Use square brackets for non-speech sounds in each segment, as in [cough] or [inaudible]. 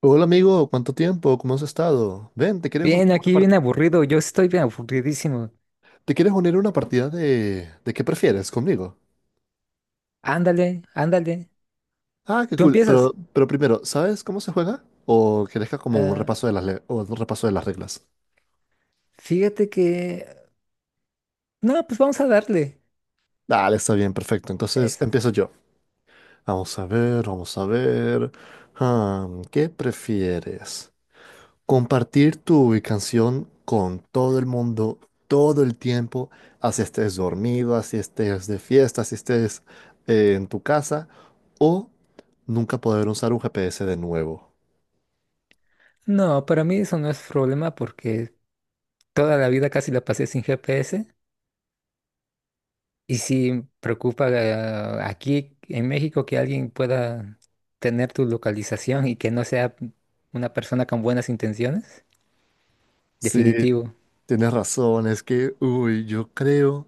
Hola amigo, ¿cuánto tiempo? ¿Cómo has estado? Ven, ¿te quieres unir Bien, a una aquí partida? bien aburrido, yo estoy bien aburridísimo. ¿Te quieres unir a una partida de qué prefieres conmigo? Ándale, ándale. Ah, qué Tú cool. Pero, empiezas. pero primero, ¿sabes cómo se juega? ¿O quieres que haga como un Ah, repaso de o un repaso de las reglas? Fíjate que... No, pues vamos a darle. Dale, está bien, perfecto. Entonces Eso. empiezo yo. Vamos a ver, vamos a ver. Ah, ¿qué prefieres? Compartir tu canción con todo el mundo, todo el tiempo, así estés dormido, así estés de fiesta, así estés en tu casa, o nunca poder usar un GPS de nuevo. No, para mí eso no es problema porque toda la vida casi la pasé sin GPS y sí preocupa aquí en México que alguien pueda tener tu localización y que no sea una persona con buenas intenciones. Sí, Definitivo. tienes razón, es que, uy, yo creo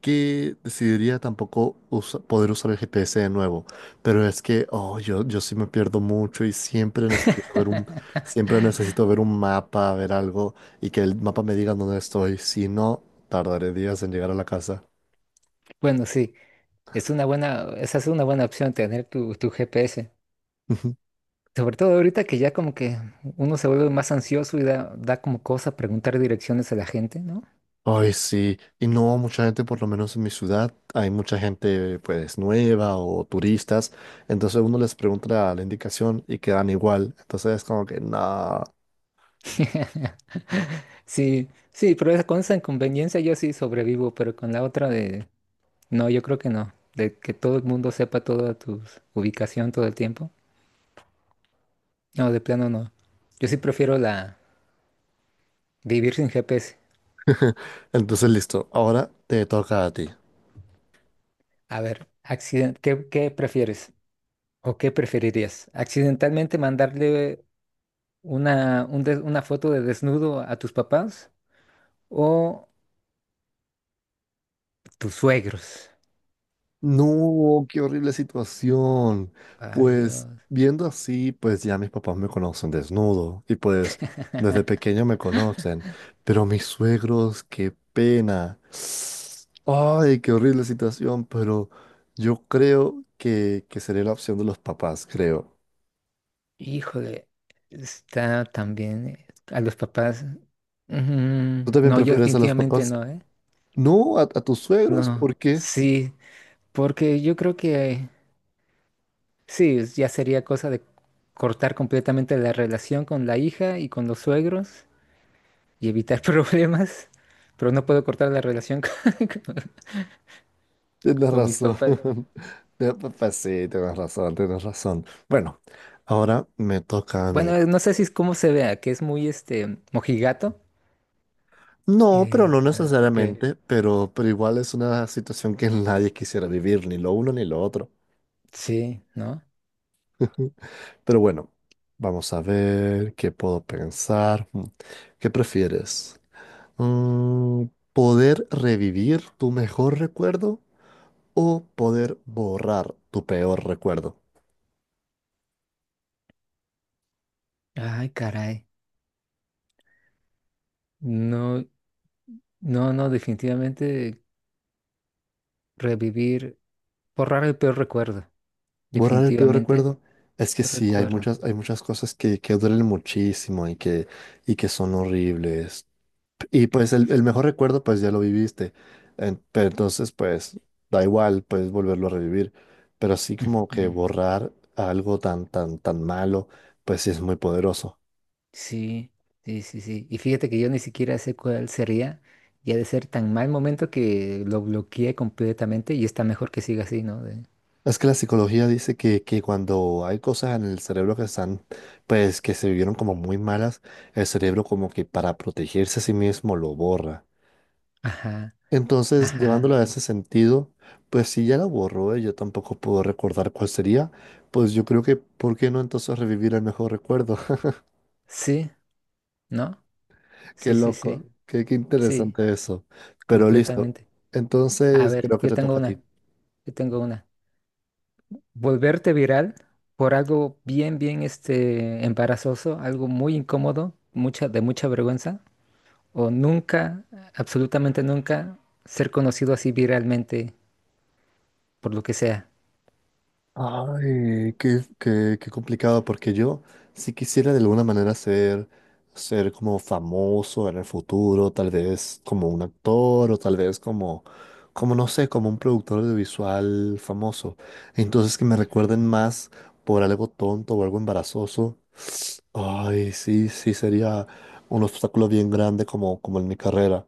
que decidiría tampoco usa- poder usar el GPS de nuevo, pero es que yo sí me pierdo mucho y siempre necesito ver siempre necesito ver un mapa, ver algo y que el mapa me diga dónde estoy, si no, tardaré días en llegar a la casa. Bueno, sí, es una buena, esa es una buena opción tener tu GPS. [laughs] Sobre todo ahorita que ya como que uno se vuelve más ansioso y da como cosa preguntar direcciones a la gente, ¿no? Ay, sí, y no mucha gente, por lo menos en mi ciudad, hay mucha gente pues nueva o turistas, entonces uno les pregunta la indicación y quedan igual, entonces es como que no. [laughs] Sí, sí, pero esa, con esa inconveniencia yo sí sobrevivo, pero con la otra de... No, yo creo que no. De que todo el mundo sepa toda tu ubicación todo el tiempo. No, de plano no. Yo sí prefiero la vivir sin GPS. [laughs] Entonces listo, ahora te toca a ti. A ver, accident ¿qué, qué prefieres? ¿O qué preferirías? ¿Accidentalmente mandarle una, un des- una foto de desnudo a tus papás? ¿O tus suegros? No, qué horrible situación. Ay, Pues Dios. viendo así, pues ya mis papás me conocen desnudo y pues desde pequeño me conocen, pero mis suegros, qué pena. Ay, qué horrible situación, pero yo creo que sería la opción de los papás, creo. Híjole. Está también a los papás. ¿Tú también No, yo prefieres a los definitivamente papás? no, ¿eh? No, a tus suegros, No. ¿por qué? Sí, porque yo creo que sí, es- ya sería cosa de cortar completamente la relación con la hija y con los suegros y evitar [laughs] problemas. Pero no puedo cortar la relación [laughs] con, con- Tienes con mis razón. papás. [laughs] Pues sí, tienes razón, tienes razón. Bueno, ahora me toca a Bueno, mí. No sé si es cómo se vea, que es muy este mojigato. No, pero no Porque necesariamente, pero igual es una situación que [laughs] nadie quisiera vivir, ni lo uno ni lo otro. sí, ¿no? [laughs] Pero bueno, vamos a ver qué puedo pensar. ¿Qué prefieres? Mm, ¿Poder revivir tu mejor recuerdo o poder borrar tu peor recuerdo? Ay, caray. No, no, no, definitivamente revivir, borrar el peor recuerdo. Borrar el peor Definitivamente, recuerdo es que sí, recuerdo. Hay muchas cosas que duelen muchísimo y que son horribles. Y pues Y el fí- mejor recuerdo, pues ya lo viviste. Pero entonces, pues da igual, puedes volverlo a revivir. Pero así como que mm, borrar algo tan, tan, tan malo, pues sí es muy poderoso. sí, sí, sí, sí. Y fíjate que yo ni siquiera sé cuál sería. Y ha de ser tan mal momento que lo bloqueé completamente y está mejor que siga así, ¿no? De- Es que la psicología dice que cuando hay cosas en el cerebro que están, pues que se vivieron como muy malas, el cerebro como que para protegerse a sí mismo lo borra. ajá, Entonces, llevándolo ajá. a ese sentido, pues si ya la borró, yo tampoco puedo recordar cuál sería, pues yo creo que, ¿por qué no entonces revivir el mejor recuerdo? [laughs] Sí, ¿no? Qué Sí, sí, loco, sí, qué sí, interesante eso. Pero listo, completamente. A entonces ver, creo que te toca a ti. Yo tengo una. Volverte viral por algo bien, bien este embarazoso, algo muy incómodo, mucha, de mucha vergüenza, o nunca, absolutamente nunca, ser conocido así viralmente por lo que sea. Ay, qué complicado, porque yo si quisiera de alguna manera ser como famoso en el futuro, tal vez como un actor o tal vez como no sé, como un productor audiovisual famoso. Entonces que me Ujú, recuerden más por algo tonto o algo embarazoso. Ay, sí, sí, sería un obstáculo bien grande como, como en mi carrera.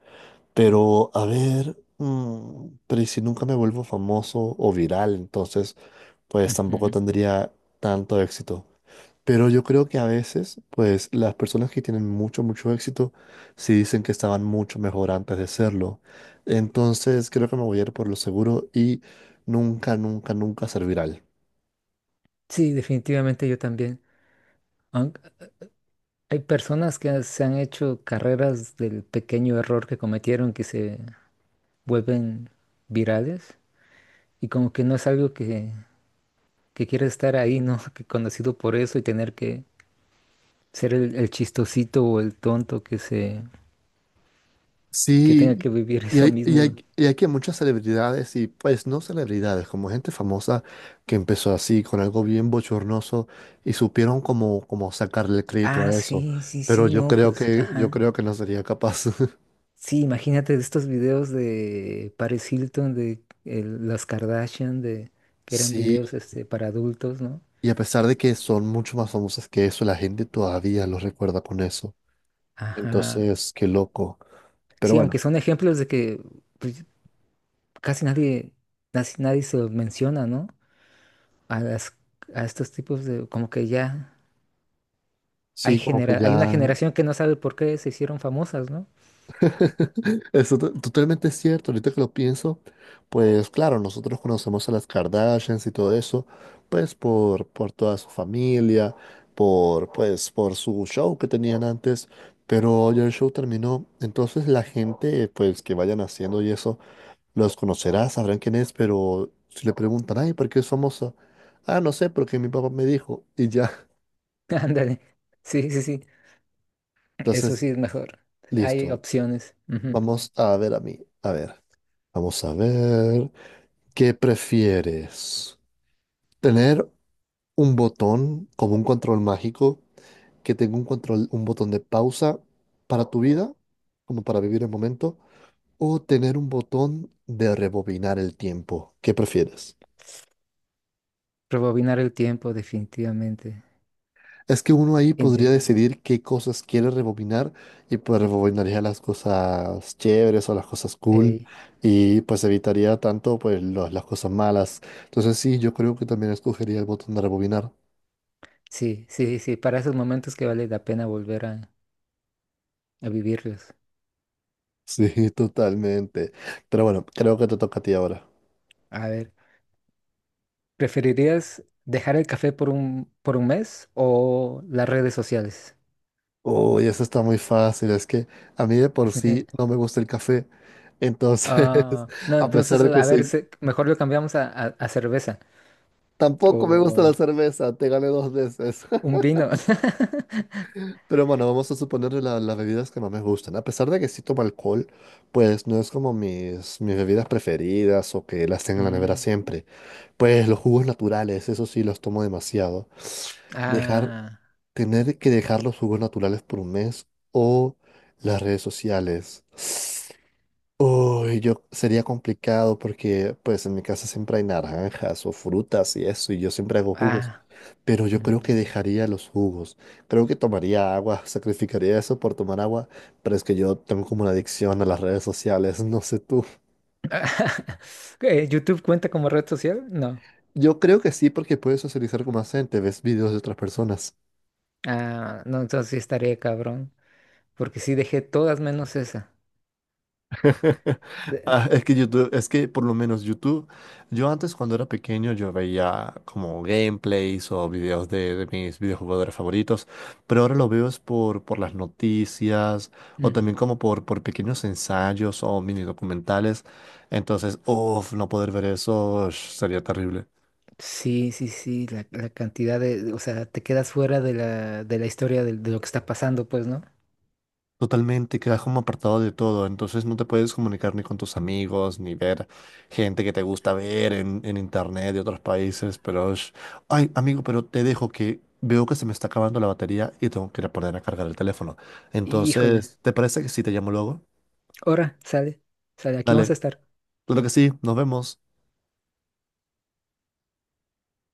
Pero, a ver, pero ¿y si nunca me vuelvo famoso o viral? Entonces pues tampoco ujú. tendría tanto éxito. Pero yo creo que a veces, pues las personas que tienen mucho, mucho éxito, sí dicen que estaban mucho mejor antes de serlo. Entonces creo que me voy a ir por lo seguro y nunca, nunca, nunca ser viral. Sí, definitivamente yo también. Aun- hay personas que se han hecho carreras del pequeño error que cometieron que se vuelven virales y como que no es algo que quieres estar ahí, ¿no? [laughs] Que conocido por eso y tener que ser el chistosito o el tonto que se, que tenga Sí, que vivir [laughs] eso mismo. Y hay que muchas celebridades y pues no celebridades, como gente famosa que empezó así, con algo bien bochornoso y supieron como, como sacarle crédito a eso. Sí, sí, Pero sí, no, pues, yo ajá. creo que no sería capaz. [laughs] Sí, imagínate estos videos de Paris Hilton, de el- las Kardashian, de que eran Sí, videos este, para adultos, ¿no? y a pesar de que son mucho más famosas que eso, la gente todavía los recuerda con eso. Ajá. Entonces, qué loco. Pero Sí, aunque bueno, son ejemplos de que pues, casi nadie, casi nadie se los menciona, ¿no? A las, a estos tipos de, como que ya hay sí, como que genera, hay una ya... generación que no sabe por qué se hicieron famosas, ¿no? [laughs] Totalmente es cierto, ahorita que lo pienso, pues claro, nosotros conocemos a las Kardashians y todo eso, pues por toda su familia, por, pues, por su show que tenían antes, pero ya el show terminó, entonces la gente, pues que vayan haciendo y eso. Los conocerás, sabrán quién es, pero si le preguntan, ay, ¿por qué es famoso? Ah, no sé, porque mi papá me dijo y ya. [laughs] Ándale. Sí, sí, sí. Eso Entonces, sí es mejor. Hay listo. opciones. Ujú. Vamos a ver a mí. A ver, vamos a ver. ¿Qué prefieres? ¿Tener un botón como un control mágico que tenga un control, un botón de pausa para tu vida, como para vivir el momento? ¿O tener un botón de rebobinar el tiempo? ¿Qué prefieres? Rebobinar el tiempo, definitivamente. Es que uno ahí podría Indi- decidir qué cosas quiere rebobinar y pues rebobinaría las cosas chéveres o las cosas cool ey, y pues evitaría tanto las cosas malas. Entonces sí, yo creo que también escogería el botón de rebobinar. sí, sí, sí. Para esos momentos que vale la pena volver a vivirlos. Sí, [laughs] totalmente. Pero bueno, creo que te toca a ti ahora. A ver, ¿preferirías dejar el café por un mes o las redes sociales? Uy, eso está muy fácil. Es que a mí de por sí no [laughs] me gusta el café. Entonces, [laughs] No, a pesar entonces, de que a ver, soy... se- mejor lo cambiamos a cerveza Tampoco me gusta la o cerveza. Te gané dos veces. un vino. [laughs] Pero bueno, vamos a suponer las bebidas que más me gustan. A pesar de que sí tomo alcohol, pues no es como mis bebidas preferidas o que las tengo en la nevera Mm, siempre. Pues los jugos naturales, eso sí los tomo demasiado. Dejar, ah, Tener que dejar los jugos naturales por un mes o las redes sociales. Uy, yo sería complicado porque pues en mi casa siempre hay naranjas o frutas y eso, y yo siempre hago jugos, ah. pero yo creo que dejaría los jugos. Creo que tomaría agua, [laughs] sacrificaría eso por tomar agua, pero es que yo tengo como una adicción a las redes sociales, no sé tú. [laughs] ¿YouTube cuenta como red social? No. Yo creo que sí porque puedes socializar con más gente, ves videos de otras personas. Ah, no, entonces sí estaría cabrón. Porque sí dejé todas menos esa. [laughs] De- ah, Ah, es que YouTube, es que por lo menos YouTube, yo antes cuando era pequeño yo veía como gameplays o videos de mis videojugadores favoritos, pero ahora lo veo es por las noticias o mm. también como por pequeños ensayos o mini documentales. Entonces, uff, no poder ver eso ush, sería terrible. Sí, sí, sí. La cantidad de. O sea, te quedas fuera de la historia de lo que está pasando, pues, ¿no? Totalmente, quedas como apartado de todo, entonces no te puedes comunicar ni con tus amigos, ni ver gente que te gusta ver en internet de otros países, pero... es- Ay, amigo, pero te dejo que veo que se me está acabando la batería y tengo que ir a poner a cargar el teléfono. Híjole. Entonces, ¿te parece que sí te llamo luego? Ahora, sale. Sale, aquí vamos a Dale, estar. claro que sí, nos vemos.